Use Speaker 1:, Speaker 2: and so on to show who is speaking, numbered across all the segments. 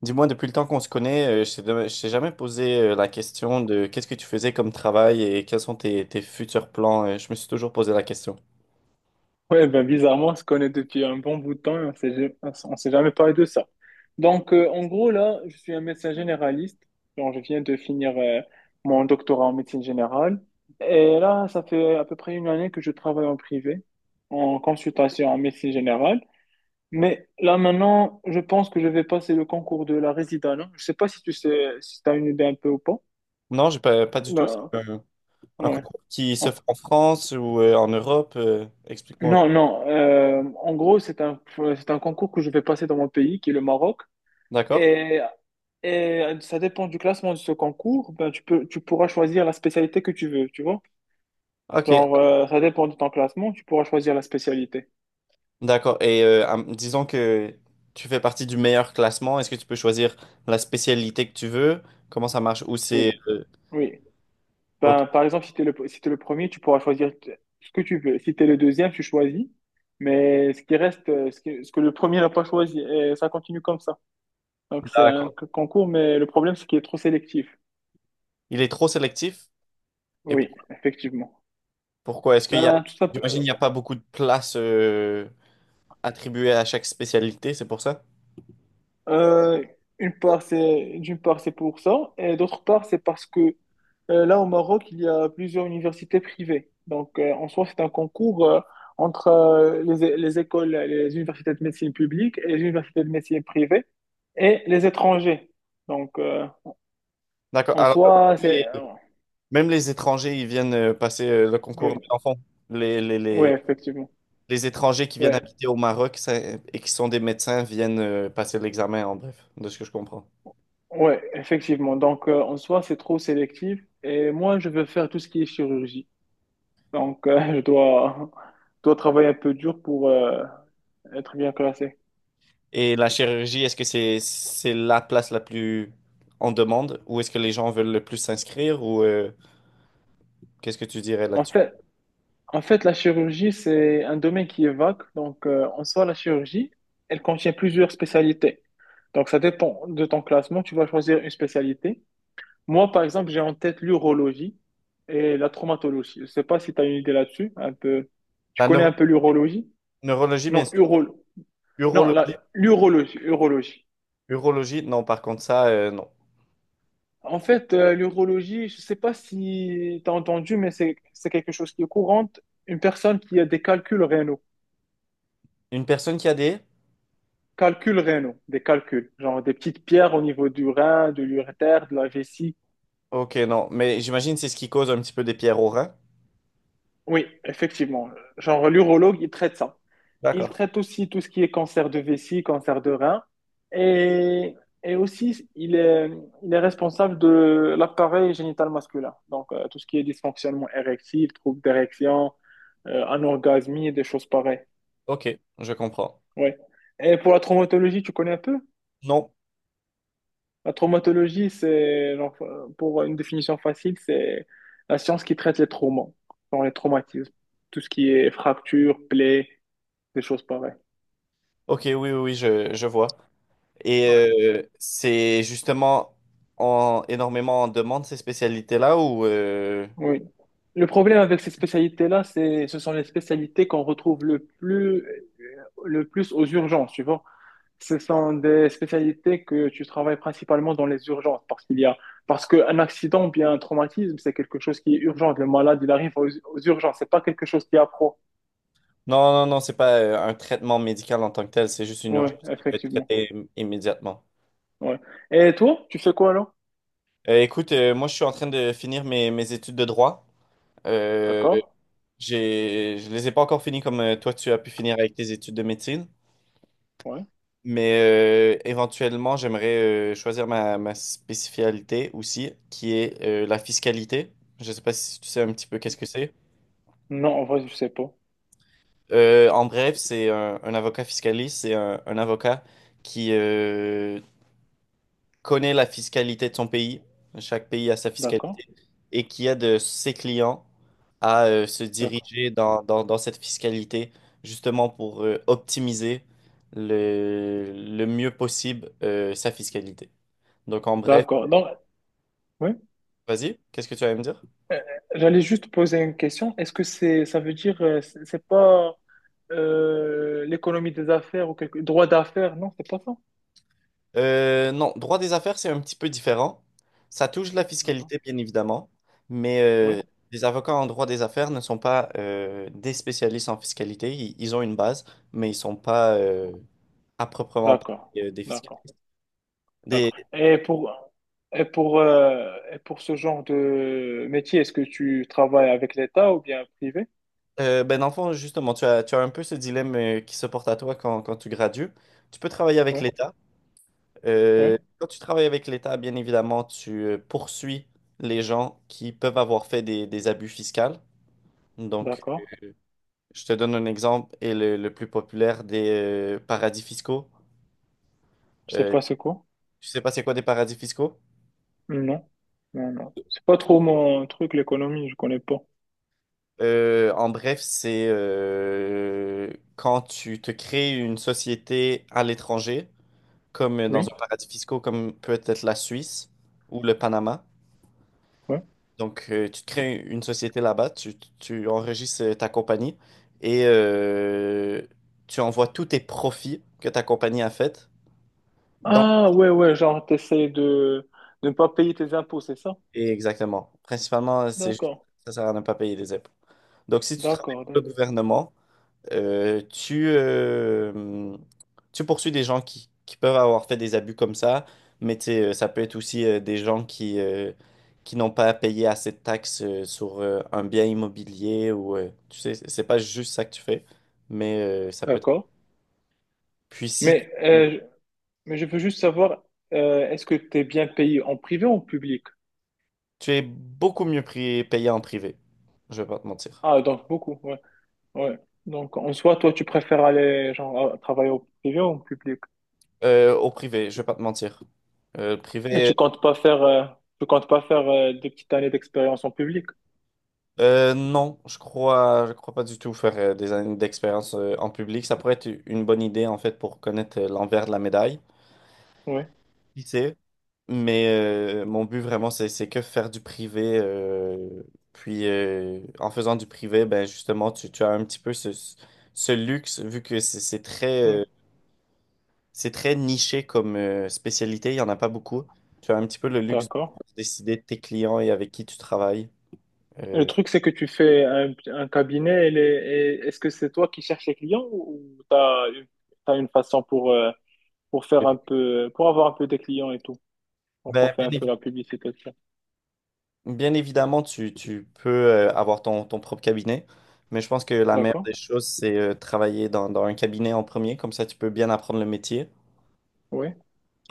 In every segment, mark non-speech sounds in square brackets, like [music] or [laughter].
Speaker 1: Dis-moi, depuis le temps qu'on se connaît, je t'ai jamais posé la question de qu'est-ce que tu faisais comme travail et quels sont tes futurs plans. Je me suis toujours posé la question.
Speaker 2: Ouais, ben bizarrement, on se connaît depuis un bon bout de temps et on s'est jamais parlé de ça. Donc, en gros, là, je suis un médecin généraliste. Genre, je viens de finir mon doctorat en médecine générale. Et là, ça fait à peu près une année que je travaille en privé, en consultation en médecine générale. Mais là, maintenant, je pense que je vais passer le concours de la résidence. Je sais pas si tu sais, si tu as une idée un peu ou pas.
Speaker 1: Non, j'ai pas, pas du tout.
Speaker 2: Là,
Speaker 1: Un
Speaker 2: ouais.
Speaker 1: concours qui se
Speaker 2: En-
Speaker 1: fait en France ou en Europe. Explique-moi.
Speaker 2: Non, non. En gros, c'est un concours que je vais passer dans mon pays, qui est le Maroc.
Speaker 1: D'accord?
Speaker 2: Et, et ça dépend du classement de ce concours. Ben, tu peux, tu pourras choisir la spécialité que tu veux, tu vois.
Speaker 1: Ok,
Speaker 2: Genre, ça dépend de ton classement, tu pourras choisir la spécialité.
Speaker 1: d'accord. Et disons que tu fais partie du meilleur classement. Est-ce que tu peux choisir la spécialité que tu veux? Comment ça marche?
Speaker 2: Oui, oui.
Speaker 1: Ok,
Speaker 2: Ben, par exemple, si t'es le premier, tu pourras choisir ce que tu veux. Si tu es le deuxième, tu choisis. Mais ce qui reste, ce que le premier n'a pas choisi, et ça continue comme ça. Donc, c'est un
Speaker 1: d'accord.
Speaker 2: concours, mais le problème, c'est qu'il est trop sélectif.
Speaker 1: Il est trop sélectif? Et
Speaker 2: Oui, effectivement.
Speaker 1: pourquoi? Est-ce qu'il y a...
Speaker 2: Ben, tout ça,
Speaker 1: J'imagine il n'y a pas beaucoup de places attribuée à chaque spécialité, c'est pour ça?
Speaker 2: Euh, d'une part, c'est pour ça, et d'autre part, c'est parce que là, au Maroc, il y a plusieurs universités privées. Donc, en soi, c'est un concours entre les écoles, les universités de médecine publique et les universités de médecine privée et les étrangers. Donc,
Speaker 1: D'accord.
Speaker 2: en
Speaker 1: Alors,
Speaker 2: soi,
Speaker 1: les-
Speaker 2: c'est... euh,
Speaker 1: même les étrangers, ils viennent passer le concours,
Speaker 2: Oui,
Speaker 1: mais en fond, les, les,
Speaker 2: ouais,
Speaker 1: les,
Speaker 2: effectivement.
Speaker 1: les étrangers qui viennent
Speaker 2: Ouais,
Speaker 1: habiter au Maroc et qui sont des médecins viennent passer l'examen, en bref, de ce que je comprends.
Speaker 2: ouais, effectivement. Donc, en soi, c'est trop sélectif. Et moi, je veux faire tout ce qui est chirurgie. Donc, [laughs] dois travailler un peu dur pour, être bien classé.
Speaker 1: Et la chirurgie, est-ce que c'est la place la plus en demande ou est-ce que les gens veulent le plus s'inscrire ou qu'est-ce que tu dirais
Speaker 2: En
Speaker 1: là-dessus?
Speaker 2: fait, en fait, la chirurgie, c'est un domaine qui est vague. Donc, en soi, la chirurgie, elle contient plusieurs spécialités. Donc, ça dépend de ton classement. Tu vas choisir une spécialité. Moi, par exemple, j'ai en tête l'urologie et la traumatologie. Je ne sais pas si tu as une idée là-dessus. Un peu... Tu
Speaker 1: La
Speaker 2: connais
Speaker 1: neuro-
Speaker 2: un peu l'urologie?
Speaker 1: Neurologie, bien
Speaker 2: Non,
Speaker 1: sûr.
Speaker 2: non,
Speaker 1: Urologie,
Speaker 2: l'urologie, urologie.
Speaker 1: urologie, non, par contre, ça, non.
Speaker 2: En fait, l'urologie, je ne sais pas si tu as entendu, mais c'est quelque chose qui est courant. Une personne qui a des calculs rénaux.
Speaker 1: Une personne qui a des...
Speaker 2: Calculs rénaux, des calculs, genre des petites pierres au niveau du rein, de l'urétère, de la vessie.
Speaker 1: Ok, non, mais j'imagine c'est ce qui cause un petit peu des pierres au rein.
Speaker 2: Oui, effectivement. Genre l'urologue, il traite ça. Il
Speaker 1: D'accord.
Speaker 2: traite aussi tout ce qui est cancer de vessie, cancer de rein. Et, et aussi, il est responsable de l'appareil génital masculin. Donc, tout ce qui est dysfonctionnement érectile, troubles d'érection, anorgasmie, des choses pareilles.
Speaker 1: Ok, je comprends.
Speaker 2: Ouais. Et pour la traumatologie, tu connais un peu?
Speaker 1: Non.
Speaker 2: La traumatologie, genre, pour une définition facile, c'est la science qui traite les traumas, genre les traumatismes, tout ce qui est fractures, plaies, des choses pareilles.
Speaker 1: Ok, oui, oui, oui, je vois. Et
Speaker 2: Ouais.
Speaker 1: c'est justement énormément en demande ces spécialités-là ou
Speaker 2: Oui. Le problème avec ces spécialités-là, ce sont les spécialités qu'on retrouve le plus aux urgences, tu vois. Ce sont des spécialités que tu travailles principalement dans les urgences parce qu'un accident ou bien un traumatisme, c'est quelque chose qui est urgent. Le malade, il arrive aux urgences. C'est pas quelque chose qui est à pro.
Speaker 1: non, non, non, c'est pas un traitement médical en tant que tel, c'est juste une
Speaker 2: Ouais,
Speaker 1: urgence qui doit être
Speaker 2: effectivement.
Speaker 1: traitée immédiatement.
Speaker 2: Ouais. Et toi, tu fais quoi alors?
Speaker 1: Écoute, moi je suis en train de finir mes études de droit. Euh,
Speaker 2: D'accord.
Speaker 1: je les ai pas encore finies comme toi tu as pu finir avec tes études de médecine,
Speaker 2: Ouais.
Speaker 1: mais éventuellement j'aimerais choisir ma spécialité aussi, qui est la fiscalité. Je sais pas si tu sais un petit peu qu'est-ce que c'est.
Speaker 2: Non, en vrai, je sais pas.
Speaker 1: En bref, c'est un avocat fiscaliste, c'est un avocat qui connaît la fiscalité de son pays, chaque pays a sa
Speaker 2: D'accord.
Speaker 1: fiscalité, et qui aide ses clients à se
Speaker 2: D'accord.
Speaker 1: diriger dans cette fiscalité, justement pour optimiser le mieux possible sa fiscalité. Donc en bref,
Speaker 2: D'accord. Donc, oui.
Speaker 1: vas-y, qu'est-ce que tu vas me dire?
Speaker 2: Euh, J'allais juste poser une question. Ça veut dire, c'est pas l'économie des affaires ou quelque droit d'affaires? Non, c'est pas ça.
Speaker 1: Non, droit des affaires, c'est un petit peu différent. Ça touche la
Speaker 2: D'accord.
Speaker 1: fiscalité, bien évidemment, mais
Speaker 2: Oui.
Speaker 1: les avocats en droit des affaires ne sont pas des spécialistes en fiscalité. Ils ont une base, mais ils sont pas à proprement
Speaker 2: D'accord.
Speaker 1: parler des
Speaker 2: D'accord.
Speaker 1: fiscalistes.
Speaker 2: D'accord.
Speaker 1: Des,
Speaker 2: Et pour et pour ce genre de métier, est-ce que tu travailles avec l'État ou bien privé?
Speaker 1: ben, dans le fond, justement, tu as un peu ce dilemme qui se porte à toi quand tu gradues. Tu peux travailler avec
Speaker 2: Oui.
Speaker 1: l'État.
Speaker 2: Oui.
Speaker 1: Quand tu travailles avec l'État, bien évidemment, tu poursuis les gens qui peuvent avoir fait des abus fiscaux. Donc,
Speaker 2: D'accord.
Speaker 1: je te donne un exemple et le plus populaire des paradis fiscaux.
Speaker 2: Je sais
Speaker 1: Euh,
Speaker 2: pas c'est quoi.
Speaker 1: Tu sais pas c'est quoi des paradis fiscaux?
Speaker 2: Non, non, non. C'est pas trop mon truc, l'économie, je connais pas.
Speaker 1: En bref, c'est quand tu te crées une société à l'étranger, comme dans
Speaker 2: Oui,
Speaker 1: un paradis fiscaux, comme peut être la Suisse ou le Panama.
Speaker 2: ouais.
Speaker 1: Donc, tu te crées une société là-bas, tu enregistres ta compagnie et tu envoies tous tes profits que ta compagnie a fait dans.
Speaker 2: Ah, ouais, ouais, genre, de ne pas payer tes impôts, c'est ça?
Speaker 1: Et exactement.
Speaker 2: D'accord,
Speaker 1: Ça sert à ne pas payer des impôts. Donc, si tu travailles
Speaker 2: d'accord,
Speaker 1: pour le gouvernement, euh, tu, euh, tu poursuis des gens qui peuvent avoir fait des abus comme ça, mais tu sais, ça peut être aussi des gens qui n'ont pas payé assez de taxes sur un bien immobilier ou, tu sais, c'est pas juste ça que tu fais, mais ça peut être...
Speaker 2: d'accord.
Speaker 1: Puis si tu,
Speaker 2: Mais, mais je veux juste savoir, est-ce que t'es bien payé en privé ou en public?
Speaker 1: tu es beaucoup payé en privé, je vais pas te mentir.
Speaker 2: Ah, donc beaucoup, ouais, ouais. Donc, en soi, toi, tu préfères aller, genre, travailler au privé ou en public?
Speaker 1: Au privé, je vais pas te mentir. Euh, le
Speaker 2: Et
Speaker 1: privé,
Speaker 2: tu comptes pas faire, des petites années d'expérience en public?
Speaker 1: non, je crois pas du tout faire des années d'expérience en public. Ça pourrait être une bonne idée en fait pour connaître l'envers de la médaille.
Speaker 2: Oui,
Speaker 1: Qui sait? Mais mon but vraiment, c'est que faire du privé. Puis en faisant du privé, ben justement, tu as un petit peu ce luxe vu que
Speaker 2: oui.
Speaker 1: c'est très niché comme spécialité. Il y en a pas beaucoup. Tu as un petit peu le luxe de
Speaker 2: D'accord.
Speaker 1: décider de tes clients et avec qui tu travailles.
Speaker 2: Le
Speaker 1: Euh,
Speaker 2: truc, c'est que tu fais un, un cabinet, et est-ce que c'est toi qui cherches les clients ou tu as, une t'as une façon pour,
Speaker 1: Ben,
Speaker 2: pour avoir un peu des clients et tout, pour
Speaker 1: bien,
Speaker 2: faire un
Speaker 1: évi-
Speaker 2: peu la publicité de ça.
Speaker 1: Bien évidemment, tu peux avoir ton propre cabinet, mais je pense que la meilleure
Speaker 2: D'accord?
Speaker 1: des choses, c'est travailler dans un cabinet en premier, comme ça tu peux bien apprendre le métier.
Speaker 2: Oui,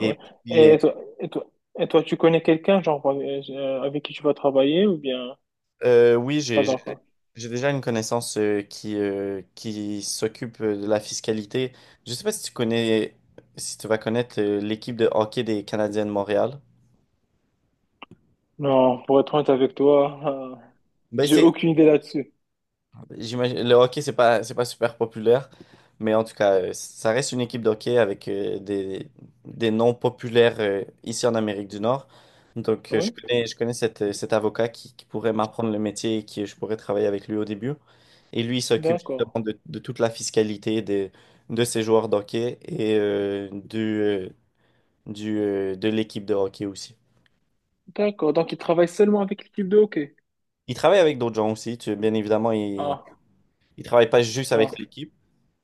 Speaker 2: oui.
Speaker 1: puis,
Speaker 2: Et toi, tu connais quelqu'un, genre, avec qui tu vas travailler ou bien
Speaker 1: oui,
Speaker 2: pas encore?
Speaker 1: j'ai déjà une connaissance qui s'occupe de la fiscalité. Je sais pas si tu connais, si tu vas connaître l'équipe de hockey des Canadiens de Montréal.
Speaker 2: Non, pour être honnête avec toi,
Speaker 1: Ben,
Speaker 2: j'ai
Speaker 1: c'est.
Speaker 2: aucune idée là-dessus.
Speaker 1: J'imagine, le hockey, c'est pas super populaire, mais en tout cas, ça reste une équipe de hockey avec des noms populaires ici en Amérique du Nord. Donc, je
Speaker 2: Oui?
Speaker 1: connais, je connais cet avocat qui pourrait m'apprendre le métier et qui je pourrais travailler avec lui au début. Et lui, il s'occupe
Speaker 2: D'accord.
Speaker 1: justement de toute la fiscalité de ces joueurs de hockey et de l'équipe de hockey aussi.
Speaker 2: D'accord. Donc, il travaille seulement avec l'équipe de hockey.
Speaker 1: Il travaille avec d'autres gens aussi, bien évidemment, il
Speaker 2: Ah,
Speaker 1: ne travaille pas juste
Speaker 2: ah,
Speaker 1: avec l'équipe.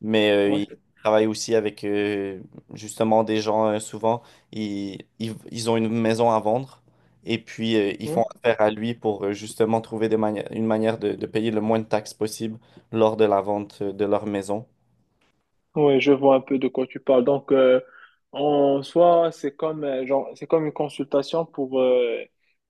Speaker 1: Mais il
Speaker 2: ouais.
Speaker 1: travaille aussi avec justement des gens, ils ont une maison à vendre et puis ils
Speaker 2: Oui.
Speaker 1: font affaire à lui pour justement trouver une manière de payer le moins de taxes possible lors de la vente de leur maison.
Speaker 2: Oui, je vois un peu de quoi tu parles. Donc, en soi, genre, c'est comme une consultation pour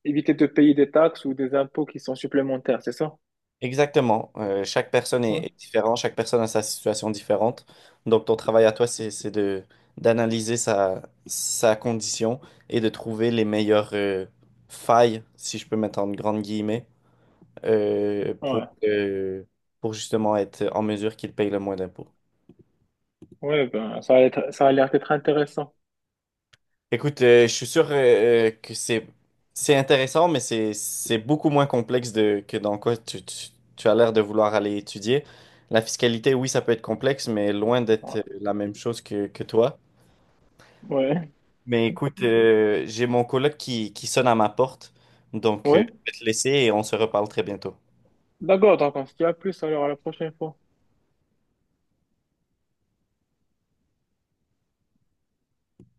Speaker 2: éviter de payer des taxes ou des impôts qui sont supplémentaires, c'est ça?
Speaker 1: Exactement. Chaque personne est,
Speaker 2: Ouais,
Speaker 1: est différente, chaque personne a sa situation différente. Donc ton travail à toi, c'est de, d'analyser sa condition et de trouver les meilleures failles, si je peux mettre en grandes guillemets euh, pour,
Speaker 2: ouais,
Speaker 1: euh, pour justement être en mesure qu'ils payent le moins d'impôts.
Speaker 2: ouais, ben, ça a l'air d'être intéressant.
Speaker 1: Écoute, je suis sûr que c'est intéressant, mais c'est beaucoup moins complexe que dans quoi tu as l'air de vouloir aller étudier. La fiscalité, oui, ça peut être complexe, mais loin d'être
Speaker 2: Ouais,
Speaker 1: la même chose que toi.
Speaker 2: ouais,
Speaker 1: Mais écoute, j'ai mon coloc qui sonne à ma porte, donc je
Speaker 2: oui.
Speaker 1: vais te laisser et on se reparle très bientôt.
Speaker 2: D'accord, donc on se dit à plus alors à la prochaine fois.